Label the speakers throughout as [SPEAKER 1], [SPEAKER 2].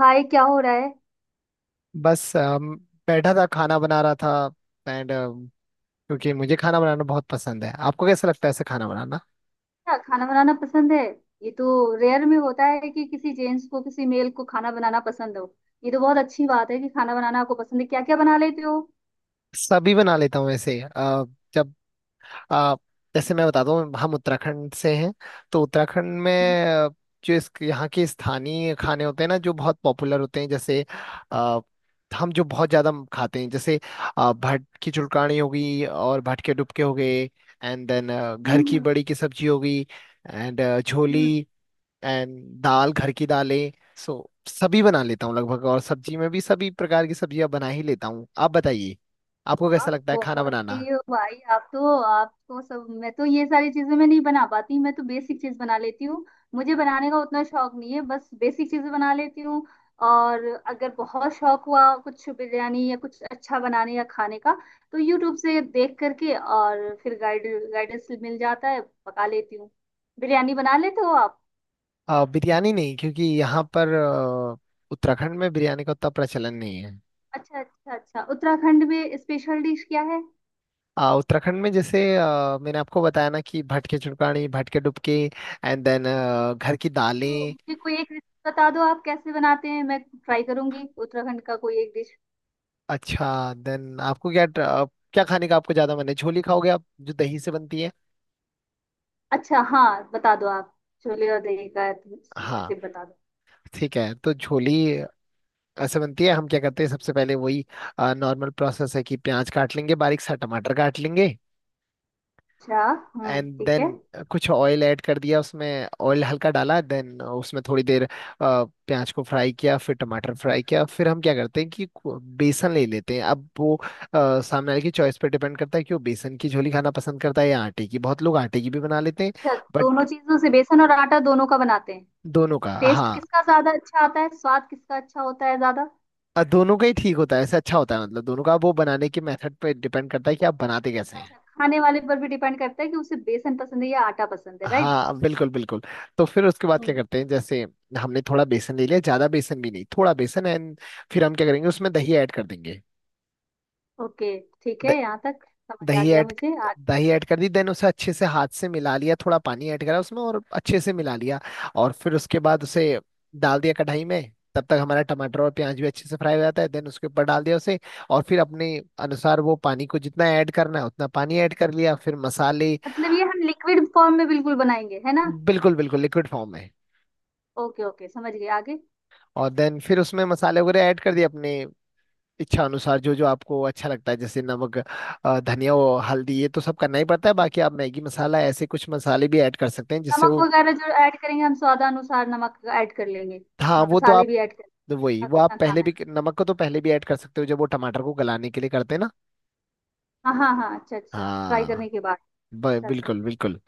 [SPEAKER 1] हाय, क्या हो रहा है।
[SPEAKER 2] बस बैठा था खाना बना रहा था। एंड क्योंकि मुझे खाना बनाना बहुत पसंद है। आपको कैसा लगता है ऐसे खाना बनाना?
[SPEAKER 1] क्या खाना बनाना पसंद है। ये तो रेयर में होता है कि किसी जेंट्स को, किसी मेल को खाना बनाना पसंद हो। ये तो बहुत अच्छी बात है कि खाना बनाना आपको पसंद है। क्या क्या बना लेते हो।
[SPEAKER 2] सभी बना लेता हूँ ऐसे जब अ, जैसे मैं बताता हूँ हम उत्तराखंड से हैं। तो उत्तराखंड में
[SPEAKER 1] हम्म।
[SPEAKER 2] जो इस यहाँ के स्थानीय खाने होते हैं ना जो बहुत पॉपुलर होते हैं, जैसे अ, हम जो बहुत ज्यादा खाते हैं, जैसे भट की चुड़कानी होगी और भट के डुबके हो गए। एंड देन घर की बड़ी की सब्जी होगी एंड
[SPEAKER 1] हम्म।
[SPEAKER 2] झोली एंड दाल, घर की दालें। सो सभी बना लेता हूँ लगभग, और सब्जी में भी सभी प्रकार की सब्जियां बना ही लेता हूँ। आप बताइए, आपको कैसा
[SPEAKER 1] आप
[SPEAKER 2] लगता है खाना
[SPEAKER 1] बहुत
[SPEAKER 2] बनाना?
[SPEAKER 1] सही हो भाई। आप तो आपको सब, मैं तो ये सारी चीजें मैं नहीं बना पाती, मैं तो बेसिक चीज बना लेती हूँ। मुझे बनाने का उतना शौक नहीं है, बस बेसिक चीजें बना लेती हूँ। और अगर बहुत शौक हुआ कुछ बिरयानी या कुछ अच्छा बनाने या खाने का, तो यूट्यूब से देख करके और फिर गाइडेंस मिल जाता है, पका लेती हूँ। बिरयानी बना लेते हो आप।
[SPEAKER 2] बिरयानी नहीं, क्योंकि यहाँ पर उत्तराखंड में बिरयानी का उतना प्रचलन नहीं है।
[SPEAKER 1] अच्छा अच्छा अच्छा, उत्तराखंड में स्पेशल डिश क्या है।
[SPEAKER 2] उत्तराखंड में जैसे मैंने आपको बताया ना कि भटके चुड़कानी, भटके डुबके एंड देन घर की
[SPEAKER 1] तो
[SPEAKER 2] दालें।
[SPEAKER 1] मुझे कोई एक रेसिपी बता दो, आप कैसे बनाते हैं, मैं ट्राई करूंगी, उत्तराखंड का कोई एक डिश।
[SPEAKER 2] अच्छा, देन आपको क्या खाने का आपको ज्यादा मन है? झोली खाओगे, आप? जो दही से बनती है।
[SPEAKER 1] अच्छा हाँ, बता दो आप। छोले और दही का
[SPEAKER 2] हाँ,
[SPEAKER 1] जैसे बता दो।
[SPEAKER 2] ठीक है। तो झोली ऐसे बनती है। हम क्या करते हैं, सबसे पहले वही नॉर्मल प्रोसेस है, कि प्याज काट लेंगे बारीक सा, टमाटर काट लेंगे।
[SPEAKER 1] अच्छा। हम्म,
[SPEAKER 2] एंड
[SPEAKER 1] ठीक
[SPEAKER 2] देन
[SPEAKER 1] है।
[SPEAKER 2] कुछ ऑयल ऐड कर दिया उसमें, ऑयल हल्का डाला। देन उसमें थोड़ी देर प्याज को फ्राई किया, फिर टमाटर फ्राई किया। फिर हम क्या करते हैं कि बेसन ले लेते हैं। अब वो सामने वाले की चॉइस पे डिपेंड करता है कि वो बेसन की झोली खाना पसंद करता है या आटे की। बहुत लोग आटे की भी बना लेते हैं।
[SPEAKER 1] अच्छा,
[SPEAKER 2] बट
[SPEAKER 1] दोनों चीजों से बेसन और आटा दोनों का बनाते हैं।
[SPEAKER 2] दोनों का,
[SPEAKER 1] टेस्ट
[SPEAKER 2] हाँ।
[SPEAKER 1] किसका ज्यादा अच्छा आता है, स्वाद किसका अच्छा होता है ज्यादा।
[SPEAKER 2] दोनों का ही ठीक होता है, ऐसे अच्छा होता है। मतलब दोनों का वो बनाने के मेथड पे डिपेंड करता है कि आप बनाते कैसे हैं।
[SPEAKER 1] अच्छा, खाने वाले पर भी डिपेंड करता है कि उसे बेसन पसंद है या आटा पसंद है, राइट।
[SPEAKER 2] हाँ, बिल्कुल बिल्कुल। तो फिर उसके बाद क्या
[SPEAKER 1] हम्म।
[SPEAKER 2] करते हैं, जैसे हमने थोड़ा बेसन ले लिया, ज्यादा बेसन भी नहीं, थोड़ा बेसन। एंड फिर हम क्या करेंगे, उसमें दही ऐड कर देंगे।
[SPEAKER 1] ओके, ठीक
[SPEAKER 2] द,
[SPEAKER 1] है, यहाँ तक समझ आ
[SPEAKER 2] दही
[SPEAKER 1] गया
[SPEAKER 2] ऐड
[SPEAKER 1] मुझे।
[SPEAKER 2] दही ऐड कर दी। देन उसे अच्छे से हाथ से मिला लिया, थोड़ा पानी ऐड करा उसमें और अच्छे से मिला लिया। और फिर उसके बाद उसे डाल दिया कढ़ाई में। तब तक हमारा टमाटर और प्याज भी अच्छे से फ्राई हो जाता है। देन उसके ऊपर डाल दिया उसे। और फिर अपने अनुसार वो पानी को जितना ऐड करना है उतना पानी ऐड कर लिया, फिर मसाले।
[SPEAKER 1] मतलब ये हम लिक्विड फॉर्म में बिल्कुल बनाएंगे है ना।
[SPEAKER 2] बिल्कुल बिल्कुल, लिक्विड फॉर्म में।
[SPEAKER 1] ओके ओके, समझ गए, आगे।
[SPEAKER 2] और देन फिर उसमें मसाले वगैरह ऐड कर दिए, अपने इच्छा अनुसार जो जो आपको अच्छा लगता है, जैसे नमक, धनिया और हल्दी, ये तो सब करना ही पड़ता है। बाकी आप मैगी मसाला, ऐसे कुछ मसाले भी ऐड कर सकते हैं जिससे
[SPEAKER 1] नमक
[SPEAKER 2] वो।
[SPEAKER 1] वगैरह जो ऐड करेंगे हम, स्वादानुसार नमक ऐड कर लेंगे।
[SPEAKER 2] हाँ, वो तो
[SPEAKER 1] मसाले
[SPEAKER 2] आप,
[SPEAKER 1] भी ऐड कर
[SPEAKER 2] वही
[SPEAKER 1] लेंगे,
[SPEAKER 2] वो आप
[SPEAKER 1] कितना
[SPEAKER 2] पहले
[SPEAKER 1] खाना
[SPEAKER 2] भी,
[SPEAKER 1] है।
[SPEAKER 2] नमक को तो पहले भी ऐड कर सकते हो जब वो टमाटर को गलाने के लिए करते हैं ना।
[SPEAKER 1] हाँ हाँ हाँ, अच्छा अच्छा, फ्राई
[SPEAKER 2] हाँ,
[SPEAKER 1] करने के बाद कर
[SPEAKER 2] बिल्कुल
[SPEAKER 1] सकते
[SPEAKER 2] बिल्कुल।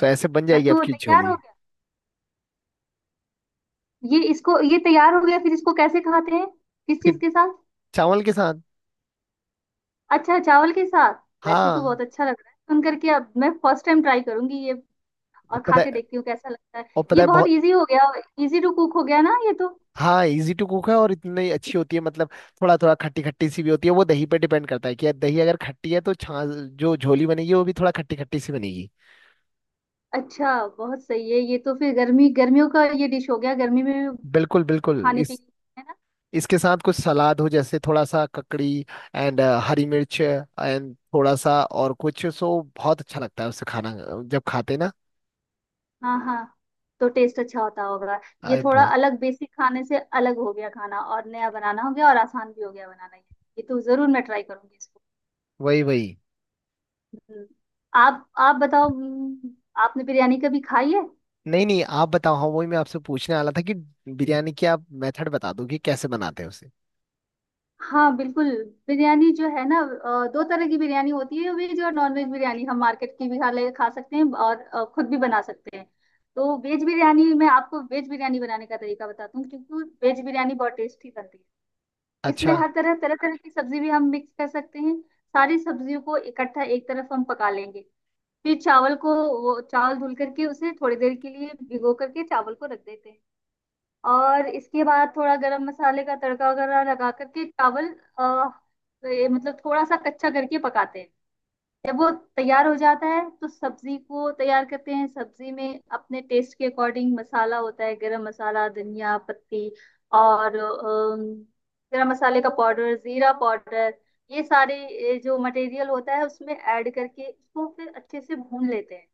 [SPEAKER 2] सो ऐसे बन
[SPEAKER 1] हैं। बस
[SPEAKER 2] जाएगी
[SPEAKER 1] तो
[SPEAKER 2] आपकी
[SPEAKER 1] तैयार
[SPEAKER 2] झोली।
[SPEAKER 1] हो गया। ये इसको, ये तैयार हो गया, फिर इसको कैसे खाते हैं, किस चीज
[SPEAKER 2] फिर
[SPEAKER 1] के साथ।
[SPEAKER 2] चावल के साथ।
[SPEAKER 1] अच्छा, चावल के साथ। वैसे तो
[SPEAKER 2] हाँ।
[SPEAKER 1] बहुत अच्छा लग रहा है सुन करके। अब मैं फर्स्ट टाइम ट्राई करूंगी ये,
[SPEAKER 2] और
[SPEAKER 1] और खा
[SPEAKER 2] पता
[SPEAKER 1] के
[SPEAKER 2] है
[SPEAKER 1] देखती हूँ कैसा लगता है।
[SPEAKER 2] और पता
[SPEAKER 1] ये
[SPEAKER 2] है
[SPEAKER 1] बहुत
[SPEAKER 2] बहुत।
[SPEAKER 1] इजी हो गया, इजी टू कुक हो गया ना ये तो।
[SPEAKER 2] हाँ, इजी टू कुक है, और इतनी अच्छी होती है मतलब। थोड़ा थोड़ा खट्टी खट्टी सी भी होती है। वो दही पे डिपेंड करता है कि यार, दही अगर खट्टी है तो छाछ, जो झोली बनेगी वो भी थोड़ा खट्टी खट्टी सी बनेगी।
[SPEAKER 1] अच्छा, बहुत सही है। ये तो फिर गर्मी गर्मियों का ये डिश हो गया, गर्मी में भी
[SPEAKER 2] बिल्कुल बिल्कुल।
[SPEAKER 1] खाने
[SPEAKER 2] इस
[SPEAKER 1] पीने, है ना।
[SPEAKER 2] इसके साथ कुछ सलाद हो, जैसे थोड़ा सा ककड़ी एंड हरी मिर्च एंड थोड़ा सा और कुछ, सो बहुत अच्छा लगता है उससे खाना जब खाते हैं ना।
[SPEAKER 1] हाँ हाँ, तो टेस्ट अच्छा होता होगा। ये
[SPEAKER 2] अरे
[SPEAKER 1] थोड़ा
[SPEAKER 2] बहुत,
[SPEAKER 1] अलग, बेसिक खाने से अलग हो गया खाना, और नया बनाना हो गया, और आसान भी हो गया बनाना ये। ये तो जरूर मैं ट्राई करूंगी इसको।
[SPEAKER 2] वही वही।
[SPEAKER 1] हम्म। आप बताओ। हम्म। आपने बिरयानी कभी खाई है।
[SPEAKER 2] नहीं नहीं, आप बताओ। हाँ वही, मैं आपसे पूछने वाला था कि बिरयानी की आप मेथड बता दो कि कैसे बनाते हैं उसे।
[SPEAKER 1] हाँ बिल्कुल। बिरयानी जो है ना, दो तरह की बिरयानी होती है, वेज और नॉन वेज। बिरयानी हम मार्केट की भी खा सकते हैं और खुद भी बना सकते हैं। तो वेज बिरयानी, मैं आपको वेज बिरयानी बनाने का तरीका बताती हूँ, क्योंकि वेज बिरयानी बहुत टेस्टी बनती है। इसमें
[SPEAKER 2] अच्छा।
[SPEAKER 1] हर तरह तरह तरह की सब्जी भी हम मिक्स कर सकते हैं। सारी सब्जियों को इकट्ठा एक तरफ हम पका लेंगे। फिर चावल को, वो चावल धुल करके, उसे थोड़ी देर के लिए भिगो करके चावल को रख देते हैं। और इसके बाद थोड़ा गरम मसाले का तड़का वगैरह लगा करके चावल अ, ये मतलब थोड़ा सा कच्चा करके पकाते हैं। जब वो तैयार हो जाता है, तो सब्जी को तैयार करते हैं। सब्जी में अपने टेस्ट के अकॉर्डिंग मसाला होता है, गरम मसाला, धनिया पत्ती और गरम मसाले का पाउडर, जीरा पाउडर, ये सारे जो मटेरियल होता है उसमें ऐड करके इसको फिर अच्छे से भून लेते हैं।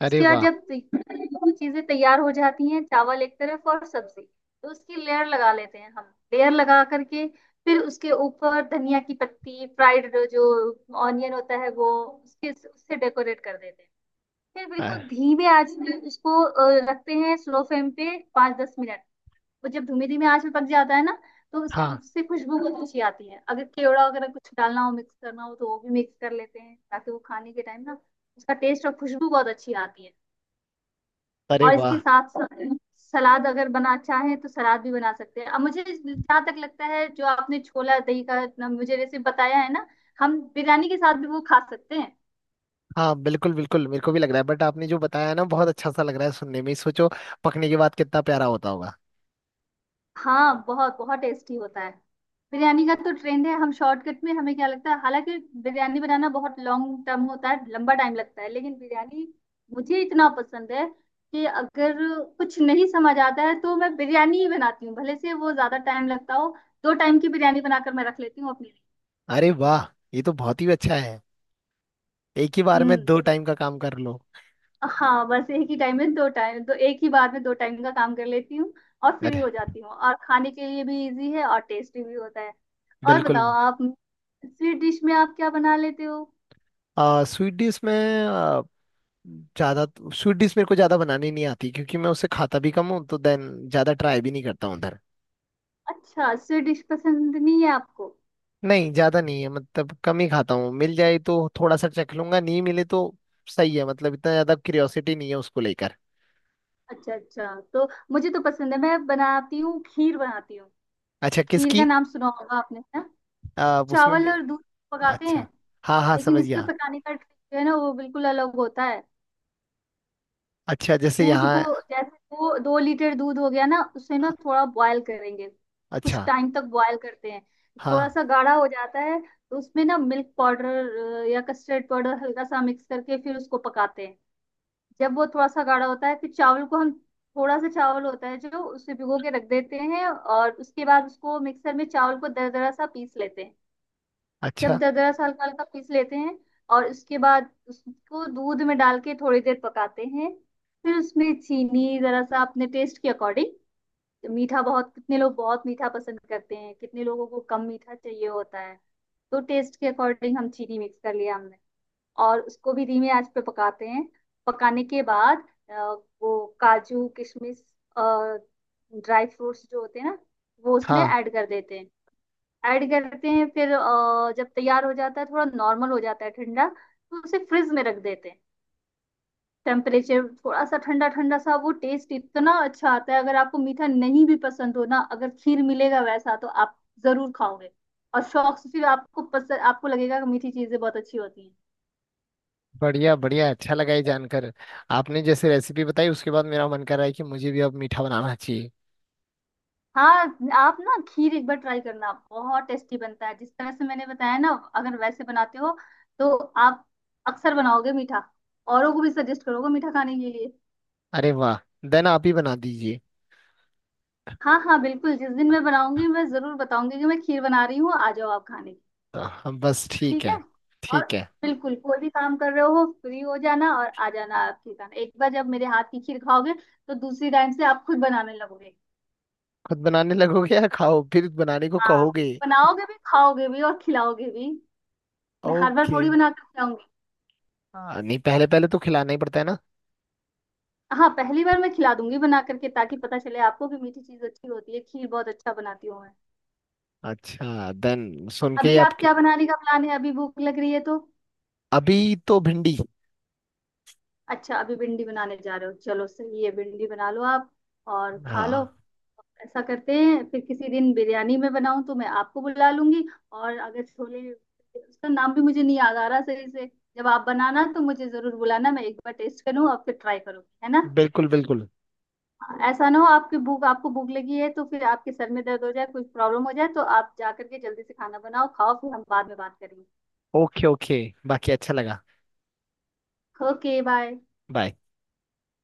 [SPEAKER 2] अरे
[SPEAKER 1] इसके बाद
[SPEAKER 2] वाह।
[SPEAKER 1] जब दोनों चीजें तैयार हो जाती हैं, चावल एक तरफ और सब्जी, तो उसकी लेयर लगा लेते हैं हम, लेयर लगा करके फिर उसके ऊपर धनिया की पत्ती, फ्राइड जो ऑनियन होता है वो, उसके उससे डेकोरेट कर देते हैं। फिर
[SPEAKER 2] अ,
[SPEAKER 1] बिल्कुल धीमे आंच पे उसको रखते हैं, स्लो फ्लेम पे 5 10 मिनट। वो जब धीमे धीमे आंच में पक जाता है ना, तो उसकी
[SPEAKER 2] हाँ।
[SPEAKER 1] उससे खुशबू बहुत अच्छी आती है। अगर केवड़ा वगैरह कुछ डालना हो, मिक्स करना हो, तो वो भी मिक्स कर लेते हैं ताकि वो खाने के टाइम ना उसका टेस्ट और खुशबू बहुत अच्छी आती है।
[SPEAKER 2] अरे
[SPEAKER 1] और इसके
[SPEAKER 2] वाह।
[SPEAKER 1] साथ सलाद अगर बना चाहे तो सलाद भी बना सकते हैं। अब मुझे जहाँ तक लगता है, जो आपने छोला दही का मुझे रेसिपी बताया है ना, हम बिरयानी के साथ भी वो खा सकते हैं।
[SPEAKER 2] हाँ बिल्कुल बिल्कुल, मेरे को भी लग रहा है। बट आपने जो बताया है ना, बहुत अच्छा सा लग रहा है सुनने में। सोचो पकने के बाद कितना प्यारा होता होगा।
[SPEAKER 1] हाँ बहुत बहुत टेस्टी होता है। बिरयानी का तो ट्रेंड है, हम शॉर्टकट में, हमें क्या लगता है, हालांकि बिरयानी बनाना बहुत लॉन्ग टर्म होता है, लंबा टाइम लगता है। लेकिन बिरयानी मुझे इतना पसंद है कि अगर कुछ नहीं समझ आता है तो मैं बिरयानी ही बनाती हूँ, भले से वो ज्यादा टाइम लगता हो। दो टाइम की बिरयानी बनाकर मैं रख लेती हूँ अपने।
[SPEAKER 2] अरे वाह, ये तो बहुत ही अच्छा है। एक ही बार में
[SPEAKER 1] हम्म।
[SPEAKER 2] दो टाइम का काम कर लो।
[SPEAKER 1] हाँ बस, एक ही टाइम में दो टाइम, तो एक ही बार में दो टाइम का काम कर लेती हूँ और फ्री
[SPEAKER 2] अरे
[SPEAKER 1] हो जाती हूँ। और खाने के लिए भी इजी है और टेस्टी भी होता है। और
[SPEAKER 2] बिल्कुल।
[SPEAKER 1] बताओ आप, स्वीट डिश में आप क्या बना लेते हो।
[SPEAKER 2] स्वीट डिश में, आ, ज्यादा स्वीट डिश मेरे को ज्यादा बनानी नहीं आती, क्योंकि मैं उसे खाता भी कम हूँ, तो देन ज्यादा ट्राई भी नहीं करता हूँ उधर।
[SPEAKER 1] अच्छा, स्वीट डिश पसंद नहीं है आपको।
[SPEAKER 2] नहीं ज्यादा नहीं है, मतलब कम ही खाता हूँ। मिल जाए तो थोड़ा सा चख लूंगा, नहीं मिले तो सही है। मतलब इतना ज्यादा क्यूरियोसिटी नहीं है उसको लेकर।
[SPEAKER 1] अच्छा अच्छा। तो मुझे तो पसंद है, मैं बनाती हूँ, खीर बनाती हूँ।
[SPEAKER 2] अच्छा,
[SPEAKER 1] खीर का
[SPEAKER 2] किसकी?
[SPEAKER 1] नाम सुना होगा आपने, है ना।
[SPEAKER 2] उसमें।
[SPEAKER 1] चावल और दूध पकाते
[SPEAKER 2] अच्छा,
[SPEAKER 1] हैं।
[SPEAKER 2] हाँ हाँ
[SPEAKER 1] लेकिन
[SPEAKER 2] समझ
[SPEAKER 1] इसके
[SPEAKER 2] गया।
[SPEAKER 1] पकाने का ट्रिक जो है ना, वो बिल्कुल अलग होता है।
[SPEAKER 2] अच्छा, जैसे
[SPEAKER 1] दूध को,
[SPEAKER 2] यहाँ।
[SPEAKER 1] जैसे दो दो लीटर दूध हो गया ना, उसे ना
[SPEAKER 2] हाँ।
[SPEAKER 1] थोड़ा बॉयल करेंगे, कुछ
[SPEAKER 2] अच्छा,
[SPEAKER 1] टाइम तक बॉयल करते हैं, थोड़ा
[SPEAKER 2] हाँ।
[SPEAKER 1] सा गाढ़ा हो जाता है। तो उसमें ना मिल्क पाउडर या कस्टर्ड पाउडर हल्का सा मिक्स करके फिर उसको पकाते हैं। जब वो थोड़ा सा गाढ़ा होता है, फिर चावल को हम, थोड़ा सा चावल होता है जो उसे भिगो के रख देते हैं, और उसके बाद उसको मिक्सर में चावल को दरदरा सा पीस लेते हैं। जब
[SPEAKER 2] अच्छा,
[SPEAKER 1] दरदरा हल्का हल्का पीस लेते हैं, और उसके बाद उसको दूध में डाल के थोड़ी देर पकाते हैं। फिर उसमें चीनी जरा सा, अपने टेस्ट के अकॉर्डिंग, मीठा बहुत, कितने लोग बहुत मीठा पसंद करते हैं, कितने लोगों को कम मीठा चाहिए होता है। तो टेस्ट के अकॉर्डिंग हम चीनी मिक्स कर लिया हमने, और उसको भी धीमे आंच पे पकाते हैं। पकाने के बाद वो काजू किशमिश और ड्राई फ्रूट्स जो होते हैं ना, वो उसमें
[SPEAKER 2] हाँ।
[SPEAKER 1] ऐड कर देते हैं। ऐड करते हैं, फिर जब तैयार हो जाता है, थोड़ा नॉर्मल हो जाता है ठंडा, तो उसे फ्रिज में रख देते हैं। टेम्परेचर थोड़ा सा ठंडा ठंडा सा, वो टेस्ट इतना अच्छा आता है। अगर आपको मीठा नहीं भी पसंद हो ना, अगर खीर मिलेगा वैसा, तो आप जरूर खाओगे। और शौक से फिर आपको पसंद, आपको लगेगा कि मीठी चीजें बहुत अच्छी होती हैं।
[SPEAKER 2] बढ़िया बढ़िया, अच्छा लगा ये जानकर। आपने जैसे रेसिपी बताई, उसके बाद मेरा मन कर रहा है कि मुझे भी अब मीठा बनाना चाहिए।
[SPEAKER 1] हाँ, आप ना खीर एक बार ट्राई करना, बहुत टेस्टी बनता है जिस तरह से मैंने बताया ना। अगर वैसे बनाते हो, तो आप अक्सर बनाओगे मीठा, औरों को भी सजेस्ट करोगे मीठा खाने के लिए।
[SPEAKER 2] अरे वाह, देन आप ही बना दीजिए।
[SPEAKER 1] हाँ हाँ बिल्कुल, जिस दिन मैं बनाऊंगी मैं जरूर बताऊंगी कि मैं खीर बना रही हूँ, आ जाओ आप खाने।
[SPEAKER 2] तो हम बस, ठीक
[SPEAKER 1] ठीक है।
[SPEAKER 2] है।
[SPEAKER 1] और
[SPEAKER 2] ठीक है।
[SPEAKER 1] बिल्कुल, कोई भी काम कर रहे हो फ्री हो जाना और आ जाना आप खीर खाने। एक बार जब मेरे हाथ की खीर खाओगे, तो दूसरी टाइम से आप खुद बनाने लगोगे।
[SPEAKER 2] खुद बनाने लगोगे, या खाओ फिर बनाने को
[SPEAKER 1] हाँ,
[SPEAKER 2] कहोगे?
[SPEAKER 1] बनाओगे भी, खाओगे भी और खिलाओगे भी। मैं हर बार
[SPEAKER 2] ओके।
[SPEAKER 1] थोड़ी बना कर खिलाऊंगी।
[SPEAKER 2] हाँ, नहीं, पहले पहले तो खिलाना ही पड़ता है ना।
[SPEAKER 1] हाँ, पहली बार मैं खिला दूंगी बना करके, ताकि पता चले आपको कि मीठी चीज अच्छी होती है। खीर बहुत अच्छा बनाती हूँ मैं।
[SPEAKER 2] अच्छा, देन सुन के ही
[SPEAKER 1] अभी आप
[SPEAKER 2] आपके।
[SPEAKER 1] क्या बनाने का प्लान है, अभी भूख लग रही है तो।
[SPEAKER 2] अभी तो भिंडी।
[SPEAKER 1] अच्छा, अभी भिंडी बनाने जा रहे हो, चलो सही है, भिंडी बना लो आप और खा लो।
[SPEAKER 2] हाँ
[SPEAKER 1] ऐसा करते हैं, फिर किसी दिन बिरयानी में बनाऊं तो मैं आपको बुला लूंगी। और अगर छोले, उसका नाम भी मुझे नहीं याद आ रहा सही से, जब आप बनाना तो मुझे जरूर बुलाना, मैं एक बार टेस्ट करूँ और फिर ट्राई करूंगी, है ना।
[SPEAKER 2] बिल्कुल बिल्कुल।
[SPEAKER 1] ऐसा ना हो आपकी भूख, आपको भूख लगी है तो फिर आपके सर में दर्द हो जाए, कुछ प्रॉब्लम हो जाए, तो आप जा करके जल्दी से खाना बनाओ, खाओ, फिर हम बाद में बात करेंगे।
[SPEAKER 2] Okay okay. बाकी अच्छा लगा।
[SPEAKER 1] Okay, bye.
[SPEAKER 2] बाय।